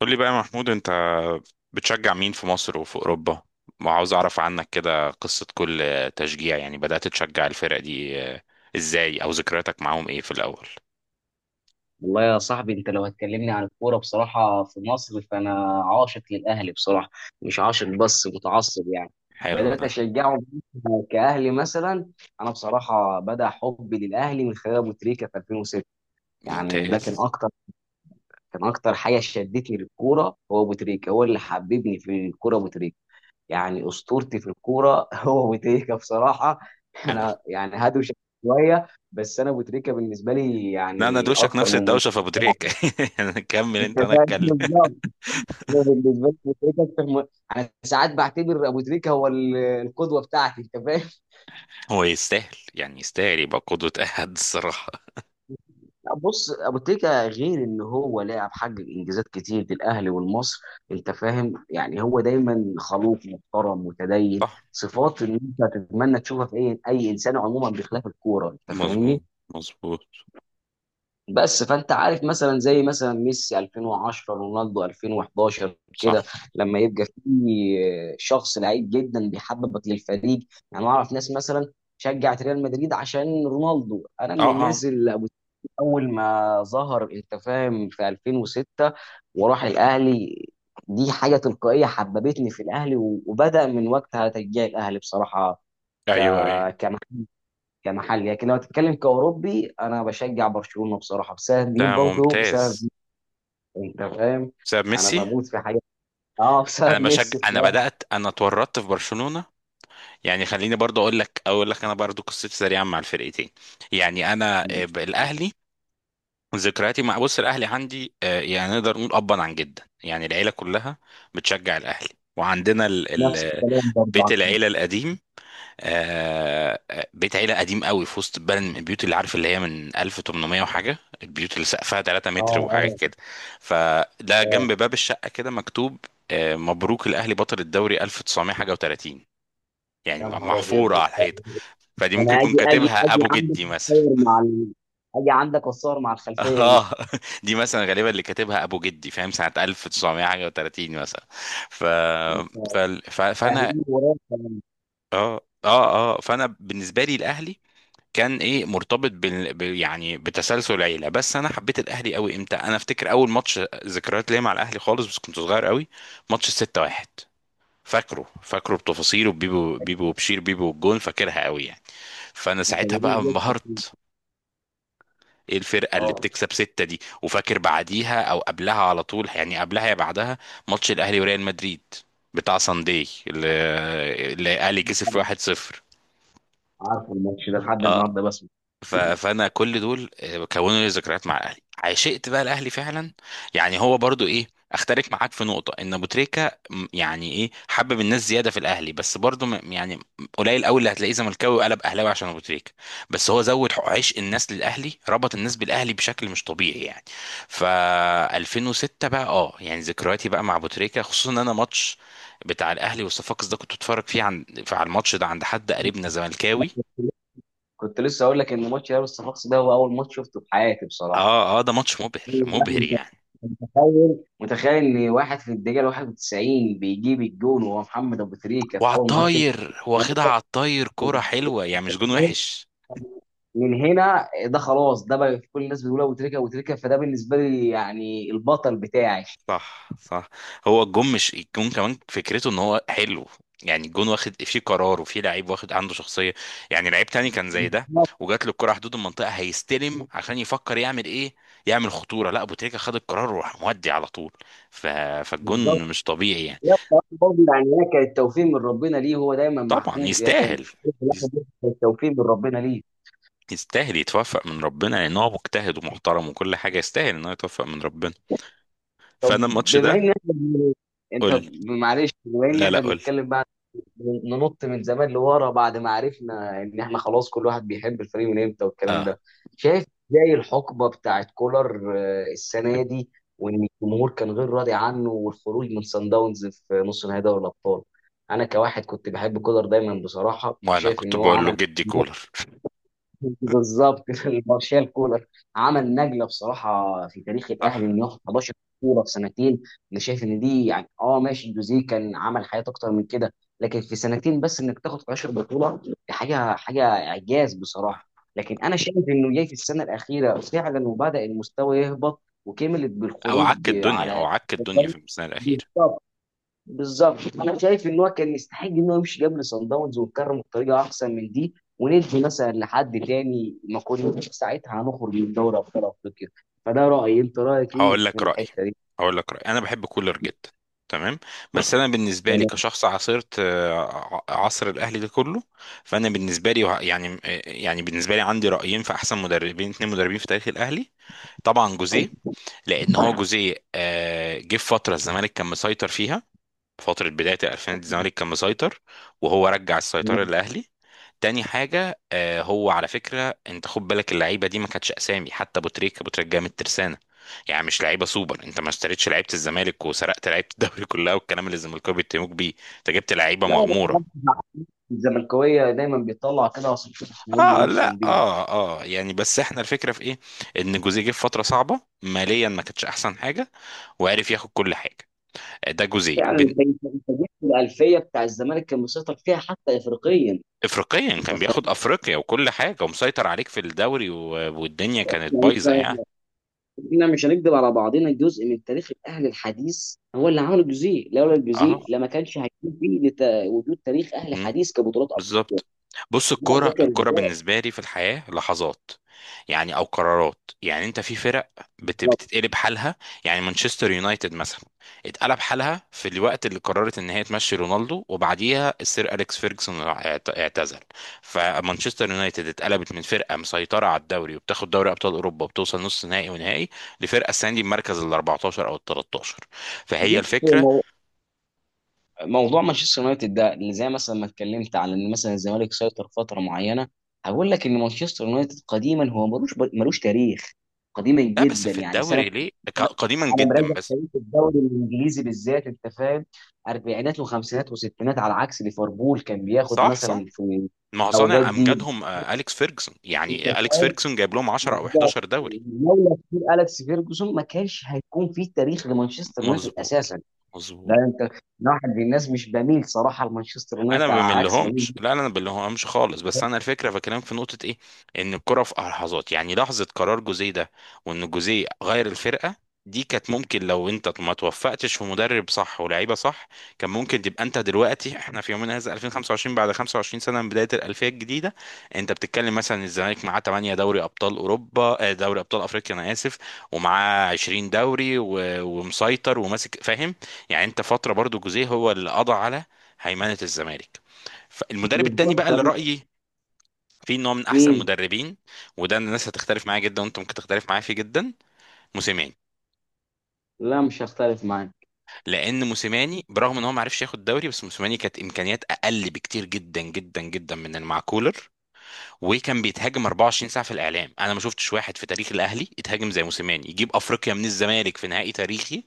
قول لي بقى يا محمود، انت بتشجع مين في مصر وفي اوروبا؟ وعاوز اعرف عنك كده قصة كل تشجيع. يعني بدأت تشجع الفرق دي ازاي، او ذكرياتك معاهم ايه في الاول؟ والله يا صاحبي، انت لو هتكلمني عن الكوره بصراحه في مصر، فانا عاشق للاهلي بصراحه، مش عاشق بس متعصب يعني. حلو بدات ده. اشجعه كاهلي مثلا. انا بصراحه بدا حبي للاهلي من خلال ابو تريكه في 2006. يعني ده كان ممتاز. اكتر كان اكتر حاجه شدتني للكوره، هو ابو تريكه، هو اللي حببني في الكوره ابو تريكه. يعني اسطورتي في الكوره هو ابو تريكه بصراحه. حلو. انا يعني هدوش شويه، بس انا ابو تريكه بالنسبه لي لا انا يعني دوشك اكتر نفس من الدوشة في ابو مجرد... تريك. كمل انت، انا تمام، اتكلم. بالظبط. انا بالنسبه لي ابو تريكه اكتر انا ساعات بعتبر ابو تريكه هو القدوه بتاعتي، انت فاهم؟ هو يستاهل، يعني يستاهل يبقى قدوة احد الصراحة. لا، بص، ابو تريكه غير ان هو لاعب حقق انجازات كتير للاهلي والمصر، انت فاهم، يعني هو دايما خلوق محترم متدين. صح. صفات ان انت تتمنى تشوفها في اي انسان عموما بخلاف الكوره، انت مظبوط، فاهمني؟ مظبوط. بس فانت عارف، مثلا زي مثلا ميسي 2010، رونالدو 2011 كده، صح. لما يبقى في شخص لعيب جدا بيحببك للفريق. يعني اعرف ناس مثلا شجعت ريال مدريد عشان رونالدو. انا من اه، اه. الناس اللي اول ما ظهر، انت فاهم، في 2006 وراح الاهلي، دي حاجه تلقائيه حببتني في الاهلي، و- وبدا من وقتها تشجيع الاهلي بصراحه. ك... ايوه، ايوه. كمحل. لكن لو هتتكلم كأوروبي، أنا بشجع برشلونة بصراحة بسبب ده مين؟ برضه ممتاز. بسبب مين؟ أنت فاهم؟ بسبب أنا ميسي. بموت في حاجة. أه، انا بسبب بشجع، ميسي انا بصراحة. بدأت انا اتورطت في برشلونة، يعني خليني برضو اقول لك انا برضو قصتي سريعا مع الفرقتين. يعني انا الاهلي، ذكرياتي مع بص الاهلي عندي، يعني نقدر نقول ابا عن جدا يعني العيله كلها بتشجع الاهلي. وعندنا ال نفس ال الكلام برضه بيت العيله القديم. بيت عيله قديم قوي في وسط البلد، من البيوت اللي عارف اللي هي من 1800 وحاجه، البيوت اللي سقفها 3 أه، متر أه، وحاجات كده. فده أه. جنب باب الشقه كده مكتوب مبروك الاهلي بطل الدوري 1900 حاجه و30، يعني يا نهار أبيض محفورة ده! على الحيطة. فدي ممكن أنا يكون أجي أجي كاتبها أجي ابو عندك جدي مثلا. أتصور مع أجي عندك أتصور مع الخلفية دي. اه. دي مثلا غالبا اللي كاتبها ابو جدي، فاهم، سنة 1900 حاجة و30 مثلا. ف... ف... ف... فانا أهلي وراك كمان. اه فانا بالنسبة لي الاهلي كان ايه، مرتبط يعني بتسلسل العيلة. بس انا حبيت الاهلي قوي امتى؟ انا افتكر اول ماتش ذكريات ليا مع الاهلي خالص، بس كنت صغير قوي، ماتش 6-1. فاكره بتفاصيله، بيبو وبشير بيبو والجون، فاكرها قوي يعني. فانا أنت ساعتها بقى جميل جدا. انبهرت. ايه الفرقه اللي أه، بتكسب ستة دي؟ وفاكر بعديها او قبلها على طول، يعني قبلها يا بعدها، ماتش الاهلي وريال مدريد بتاع سانداي اللي الاهلي كسب 1-0. عارف الماتش ده لحد النهاردة بسمع. ف- فانا كل دول كونوا لي ذكريات مع الاهلي، عشقت بقى الاهلي فعلا. يعني هو برضو ايه، اختلف معاك في نقطه، ان ابو تريكه يعني ايه، حبب الناس زياده في الاهلي، بس برضو يعني قليل قوي اللي هتلاقيه زملكاوي وقلب اهلاوي عشان ابو تريكه. بس هو زود عشق الناس للاهلي، ربط الناس بالاهلي بشكل مش طبيعي يعني. ف 2006 بقى اه، يعني ذكرياتي بقى مع ابو تريكه، خصوصا ان انا ماتش بتاع الاهلي والصفاقس ده كنت اتفرج فيه عن على الماتش ده عند حد قريبنا زملكاوي. كنت لسه أقول لك إن ماتش لابس الصفاقسي ده هو أول ماتش شفته في حياتي بصراحة. اه اه، ده ماتش مبهر لا، مبهر انت يعني. أنت متخيل، متخيل ان واحد في الدقيقه 91 بيجيب الجون وهو محمد ابو تريكه في وعلى اول ماتش، انت. الطاير، واخدها على الطاير، كوره حلوه يعني، مش جون وحش. من هنا ده خلاص، ده بقى كل الناس بتقول ابو تريكه، ابو تريكه. فده بالنسبه لي يعني البطل بتاعي. صح صح. هو الجون، مش الجون كمان، فكرته ان هو حلو. يعني الجون واخد فيه قرار، وفيه لعيب واخد عنده شخصيه. يعني لعيب تاني كان زي ده بالظبط، وجات له الكره حدود المنطقه، هيستلم عشان يفكر يعمل ايه، يعمل خطوره. لا، ابو تريكه خد القرار وراح مودي على طول. ف... بالظبط. فالجون مش طبيعي يعني. هي بصراحه برضه يعني هي كانت توفيق من ربنا ليه، هو دايما طبعا محبوب. هي كان يستاهل. كانت توفيق من ربنا ليه. يستاهل يتوفق من ربنا لان هو مجتهد ومحترم وكل حاجه، يستاهل ان هو يتوفق من ربنا. طب، فانا الماتش بما ان ده. احنا انت قول لي. معلش، بما ان لا لا، احنا قول لي. بنتكلم بقى، ننط من زمان لورا بعد ما عرفنا ان احنا خلاص كل واحد بيحب الفريق من امتى والكلام اه. ده. شايف ازاي الحقبه بتاعت كولر، السنه دي، وان الجمهور كان غير راضي عنه، والخروج من سان داونز في نص نهائي دوري الابطال؟ انا كواحد كنت بحب كولر دايما بصراحه، وانا شايف ان كنت هو بقول له عمل... جدي كولر. بالظبط. مارشال كولر. عمل نقله بصراحه في تاريخ الاهلي صح انه ياخد 11 كوره في سنتين. انا شايف ان دي يعني ماشي، الجوزيه كان عمل حاجات اكتر من كده، لكن في سنتين بس انك تاخد 11 بطوله دي حاجه اعجاز بصراحه. صح. لكن انا شايف انه جاي في السنه الاخيره فعلا وبدا المستوى يهبط، وكملت او عك بالخروج الدنيا، هو على... عك الدنيا في الموسم الاخير. بالظبط، انا شايف ان هو كان يستحق ان هو يمشي قبل سان داونز ويتكرم بطريقه احسن من دي، وندي مثلا لحد تاني ما كناش ساعتها هنخرج من دوري ابطال افريقيا. فده رايي، انت رايك ايه هقول في لك رايي، الحته دي؟ هقول لك رايي. انا بحب كولر جدا. تمام. بس انا بالنسبه لي تمام، كشخص عاصرت عصر الاهلي ده كله، فانا بالنسبه لي يعني يعني بالنسبه لي عندي رايين في احسن مدربين، اتنين مدربين في تاريخ الاهلي. طبعا جوزيه، لان هو جوزيه جه في فتره الزمالك كان مسيطر فيها، فتره بدايه الالفينات الزمالك كان مسيطر، وهو رجع السيطره تمام. للاهلي. تاني حاجه هو على فكره انت خد بالك، اللعيبه دي ما كانتش اسامي، حتى ابو تريكه، ابو تريكه جاي من الترسانه، يعني مش لعيبه سوبر. انت ما اشتريتش لعيبه الزمالك وسرقت لعيبه الدوري كلها، والكلام اللي الزمالكاوي بيتهموك بيه، انت جبت لعيبه لا، ده مغموره. كمان الزملكاويه دايما بيطلع كده عشان اه يرضوا لا نفسهم بيها. اه، اه يعني، بس احنا الفكره في ايه، ان جوزيه جه في فتره صعبه ماليا ما كانتش احسن حاجه، وعرف ياخد كل حاجه. ده جوزيه. فعلا، انت انت أنت جبت الالفيه بتاع الزمالك كان مسيطر فيها حتى افريقيا. افريقيا انت كان بياخد فاهم؟ افريقيا وكل حاجه، ومسيطر عليك في الدوري والدنيا كانت بايظه يعني، يعني. احنا مش هنكذب على بعضنا. جزء من تاريخ الاهل الحديث هو اللي عمل الجزيء، لولا اه، الجزيء لما كانش هيكون فيه وجود تاريخ اهل حديث كبطولات بالظبط. بص، الكوره، أبطال. الكوره بالنسبه لي في الحياه لحظات، يعني او قرارات. يعني انت في فرق بتتقلب حالها. يعني مانشستر يونايتد مثلا اتقلب حالها في الوقت اللي قررت ان هي تمشي رونالدو، وبعديها السير اليكس فيرجسون اعتزل. فمانشستر يونايتد اتقلبت من فرقه مسيطره على الدوري وبتاخد دوري ابطال اوروبا وبتوصل نص نهائي ونهائي، لفرقه السنه دي بمركز ال 14 او ال 13. فهي بص، الفكره. موضوع مانشستر يونايتد ده، اللي زي مثلا ما اتكلمت على ان مثلا الزمالك سيطر فتره معينه. هقول لك ان مانشستر يونايتد قديما هو ملوش تاريخ، قديما لا بس جدا في يعني سنه... الدوري ليه؟ انا قديما أنا جدا مراجع بس. تاريخ الدوري الانجليزي بالذات، انت فاهم، اربعينات وخمسينات وستينات، على عكس ليفربول كان بياخد صح صح، مثلا في ما هو الاوجات صانع دي، امجادهم اليكس فيرجسون، انت يعني اليكس فاهم. فيرجسون جايب لهم 10 او بالظبط. 11 دوري. لولا كتير اليكس فيرجسون ما كانش هيكون في تاريخ لمانشستر يونايتد مظبوط، اساسا. ده مظبوط. انت أنا واحد من الناس مش بميل صراحه لمانشستر انا يونايتد، ما على عكس بميل... بملهمش، لا انا ما بملهمش خالص، بس انا الفكره بكلمك في نقطه ايه، ان الكره في لحظات، يعني لحظه قرار جوزيه ده وان جوزيه غير الفرقه دي. كانت ممكن لو انت ما توفقتش في مدرب صح ولاعيبه صح، كان ممكن تبقى انت دلوقتي، احنا في يومنا هذا 2025، بعد 25 سنه من بدايه الالفيه الجديده، انت بتتكلم مثلا الزمالك معاه 8 دوري ابطال اوروبا، دوري ابطال افريقيا، انا اسف، ومعاه 20 دوري ومسيطر وماسك، فاهم يعني. انت فتره برضو جوزيه هو اللي قضى على هيمنه الزمالك. فالمدرب التاني بالظبط، بقى اللي بميل رايي فيه ان هو من احسن مين؟ مدربين، وده الناس هتختلف معايا جدا، وانت ممكن تختلف معايا فيه جدا، موسيماني. لا، مش هختلف معاك. لان موسيماني برغم ان هو ما عرفش ياخد دوري، بس موسيماني كانت امكانيات اقل بكتير جدا جدا جدا من المعكولر، وكان بيتهاجم 24 ساعه في الاعلام. انا ما شفتش واحد في تاريخ الاهلي يتهاجم زي موسيماني، يجيب افريقيا من الزمالك في نهائي تاريخي،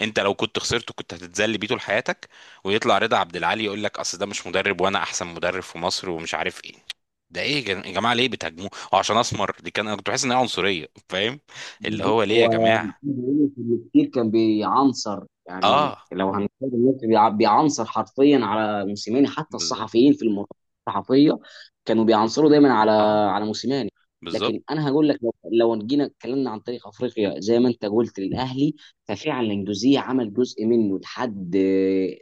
انت لو كنت خسرته كنت هتتذل بيه طول حياتك، ويطلع رضا عبد العال يقول لك اصل ده مش مدرب وانا احسن مدرب في مصر ومش عارف ايه. ده ايه يا يا جماعه، ليه بتهاجموه؟ هو عشان اسمر دي كان، انا كنت بحس ان هي عنصريه، فاهم. اللي بالظبط. هو ليه يا هو جماعه. عايز اقول لك انه كتير كان بيعنصر، يعني اه، لو هنتكلم دلوقتي بيعنصر حرفيا على موسيماني، حتى بالظبط. الصحفيين في المؤتمرات الصحفيه كانوا بيعنصروا دايما على اه، على موسيماني. بالظبط. لكن انا هقول لك، لو جينا اتكلمنا عن تاريخ افريقيا زي ما انت قلت للاهلي، ففعلا جوزيه عمل جزء منه لحد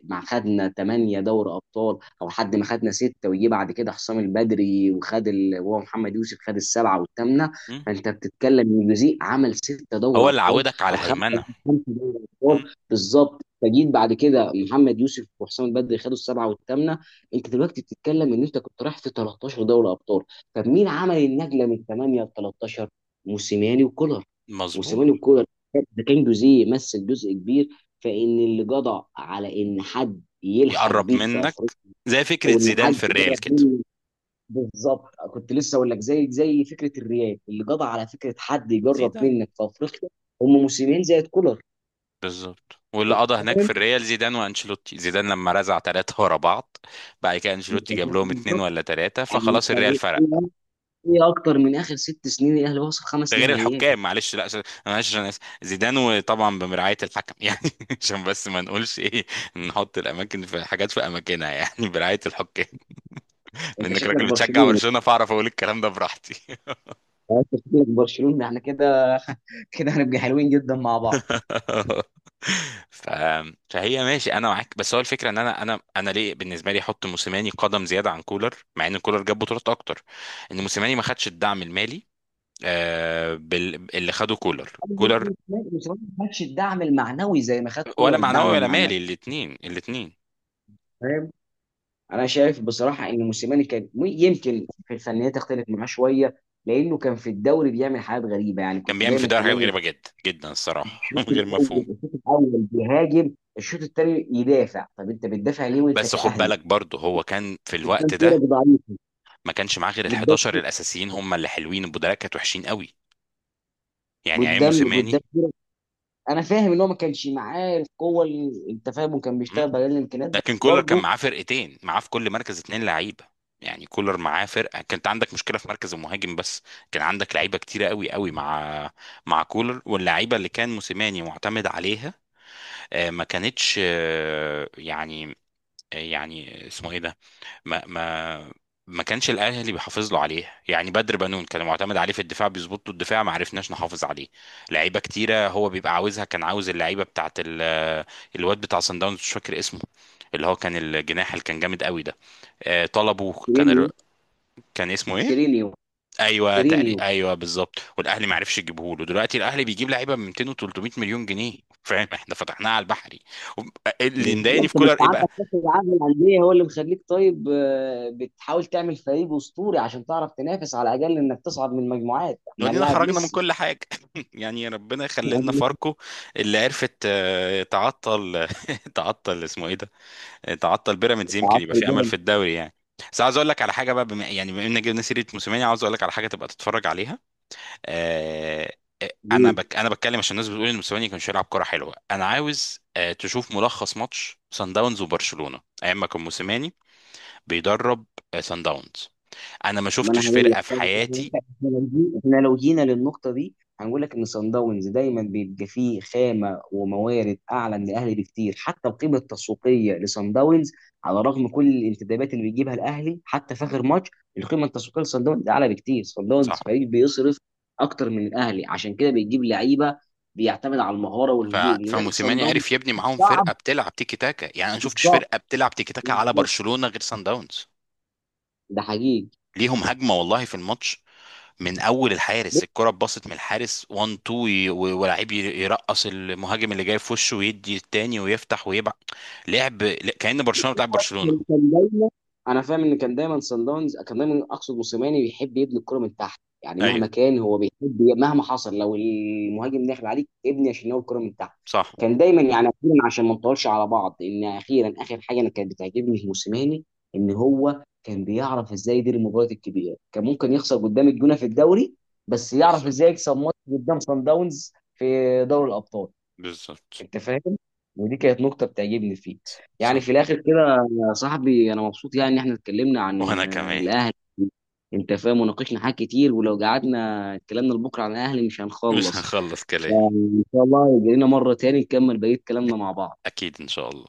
ما خدنا 8 دوري ابطال، او لحد ما خدنا سته، ويجي بعد كده حسام البدري وخد وهو محمد يوسف خد السبعه والثامنه. مم. فانت بتتكلم ان جوزيه عمل ستة دوري هو اللي ابطال، عودك على او خمسه هيمنه. خمسه دوري مم. ابطال بالظبط، فجيت بعد كده محمد يوسف وحسام البدري خدوا السبعه والثامنه. انت دلوقتي بتتكلم ان انت كنت رايح في 13 دوري ابطال، طب مين عمل النقله من 8 ل 13؟ موسيماني وكولر، مظبوط. موسيماني وكولر. ده كان جوزيه يمثل جزء كبير، فان اللي جدع على ان حد يلحق يقرب بيك في منك، افريقيا، زي فكره او ان زيدان حد في جرب الريال كده. منه. بالظبط، كنت لسه اقول لك، زي فكره الريال اللي قضى على فكره حد يجرب زيدان. منك في افريقيا. هم موسمين زي كولر. بالظبط، واللي انت قضى هناك في فاهم الريال زيدان وانشيلوتي. زيدان لما رزع ثلاثة ورا بعض، بعد كده أنت انشيلوتي جاب فاهم، لهم اتنين بالظبط. ولا ثلاثة، يعني فخلاص الريال انت فرق. ايه؟ اكتر من اخر 6 سنين الاهلي وصل ده خمس غير نهائيات. الحكام، معلش لا انا معلش انا اسف، زيدان وطبعا بمرعاية الحكم يعني، عشان بس ما نقولش ايه، نحط الاماكن في حاجات في اماكنها، يعني برعاية الحكام انت بانك شكلك راجل بتشجع برشلوني، برشلونة، فاعرف اقول الكلام ده براحتي. انت شكلك برشلوني، احنا كده، كده هنبقى حلوين جدا مع بعض. ف... فهي ماشي انا معاك، بس هو الفكره ان انا ليه بالنسبه لي احط موسيماني قدم زياده عن كولر، مع ان كولر جاب بطولات اكتر. ان موسيماني ما خدش الدعم المالي اللي خده كولر. بس هو ما خدش الدعم المعنوي زي ما خد ولا كولر معنوي الدعم ولا المعنوي. مالي، الاثنين، الاثنين. انا شايف بصراحه ان موسيماني كان يمكن في الفنيات تختلف معاه شويه، لانه كان في الدوري بيعمل حاجات غريبه، يعني كان كنت بيعمل في دايما الدوري حاجات تلاقي غريبه جدا جدا الصراحه الشوط غير الاول، مفهوم. الشوط الاول بيهاجم الشوط الثاني يدافع، طب انت بتدافع ليه وانت بس خد كاهلي بالك برضه هو كان في قدام الوقت فرق ده ضعيف؟ ما كانش معاه غير ال قدام، 11 الاساسيين، هم اللي حلوين، البدلاء كانت وحشين قوي. يعني عين قدام، قدام. موسيماني. انا فاهم ان هو ما كانش معاه القوه اللي انت فاهمه، كان بيشتغل بقليل الامكانيات بس لكن كولر كان برضه. معاه فرقتين، معاه في كل مركز اتنين لعيبه. يعني كولر معاه فرقه كانت عندك مشكله في مركز المهاجم بس، كان عندك لعيبه كتيره قوي قوي مع مع كولر. واللعيبه اللي كان موسيماني معتمد عليها ما كانتش يعني آه، يعني اسمه ايه ده ما ما ما كانش الاهلي بيحافظ له عليه. يعني بدر بنون كان معتمد عليه في الدفاع، بيظبط له الدفاع، ما عرفناش نحافظ عليه. لعيبه كتيره هو بيبقى عاوزها، كان عاوز اللعيبه الواد بتاع صن داونز، مش فاكر اسمه، اللي هو كان الجناح اللي كان جامد قوي ده، طلبه كان سيرينيو، كان اسمه ايه؟ سيرينيو، ايوه تقريبا، سيرينيو، ايوه بالظبط. والاهلي ما عرفش يجيبه له. دلوقتي الاهلي بيجيب لعيبه ب 200 و 300 مليون جنيه. فاهم، احنا فتحناها على البحري. وب- اللي مضايقني بالظبط. في ما كولر انت ايه بقى؟ عندك كاس العالم للانديه هو اللي مخليك، طيب، بتحاول تعمل فريق اسطوري عشان تعرف تنافس على الاقل انك تصعد من المجموعات. احنا ودينا هنلاعب خرجنا من ميسي. كل حاجة. يعني ربنا يخلي لنا فاركو اللي عرفت تعطل تعطل، اسمه ايه ده، تعطل بيراميدز، يمكن عصر يبقى في امل في البيراميدز. الدوري يعني. بس عاوز اقول لك على حاجه بقى، بما يعني بما ان جبنا سيره موسيماني، عاوز اقول لك على حاجه تبقى تتفرج عليها. آه، انا بتكلم عشان الناس بتقول ان موسيماني كانش يلعب كره حلوه. انا عاوز تشوف ملخص ماتش سان داونز وبرشلونه ايام ما كان موسيماني بيدرب سان داونز. انا ما ما انا شفتش هقول لك، فرقه في حياتي. احنا لو جينا إحنا لو جينا للنقطه دي، هنقول لك ان صن داونز دايما بيبقى فيه خامه وموارد اعلى من الاهلي بكتير. حتى القيمه التسويقيه لصن داونز، على رغم كل الانتدابات اللي بيجيبها الاهلي حتى في اخر ماتش، القيمه التسويقيه لصن داونز اعلى بكتير. صن داونز صح. فريق بيصرف اكتر من الاهلي عشان كده بيجيب لعيبه، بيعتمد على المهاره ف... والهجوم، لذلك صن فموسيماني داونز عرف يبني معاهم صعب. فرقه بتلعب تيكي تاكا، يعني انا ما شفتش بالظبط، فرقه بتلعب تيكي تاكا على بالظبط، برشلونه غير سان داونز. ده ليهم هجمه والله في الماتش، من اول الحارس حقيقي. الكره اتباصت من الحارس 1 2 ولاعيب يرقص المهاجم اللي جاي في وشه ويدي التاني ويفتح ويبع، لعب كأن برشلونه بتلعب برشلونه. انا فاهم ان كان دايما سان داونز، كان دايما اقصد موسيماني، بيحب يبني الكره من تحت، يعني ايوه. مهما كان هو بيحب مهما حصل لو المهاجم داخل عليك ابني يا شناوي الكره من تحت. صح. كان دايما، يعني أخيراً عشان ما نطولش على بعض، ان اخيرا اخر حاجه انا كانت بتعجبني في موسيماني، ان هو كان بيعرف ازاي يدير المباريات الكبيره. كان ممكن يخسر قدام الجونه في الدوري بس يعرف ازاي بالظبط، يكسب ماتش قدام سان داونز في دوري الابطال، بالظبط. انت فاهم. ودي كانت نقطه بتعجبني فيه. يعني صح. في الاخر كده يا صاحبي، انا مبسوط يعني ان احنا اتكلمنا عن وانا كمان. الاهلي، انت فاهم، وناقشنا حاجات كتير، ولو قعدنا اتكلمنا لبكره عن الاهلي مش مش هنخلص. هنخلص كلام. فان شاء الله يجي لنا مره تاني نكمل بقيه أك- كلامنا مع بعض. اكيد ان شاء الله.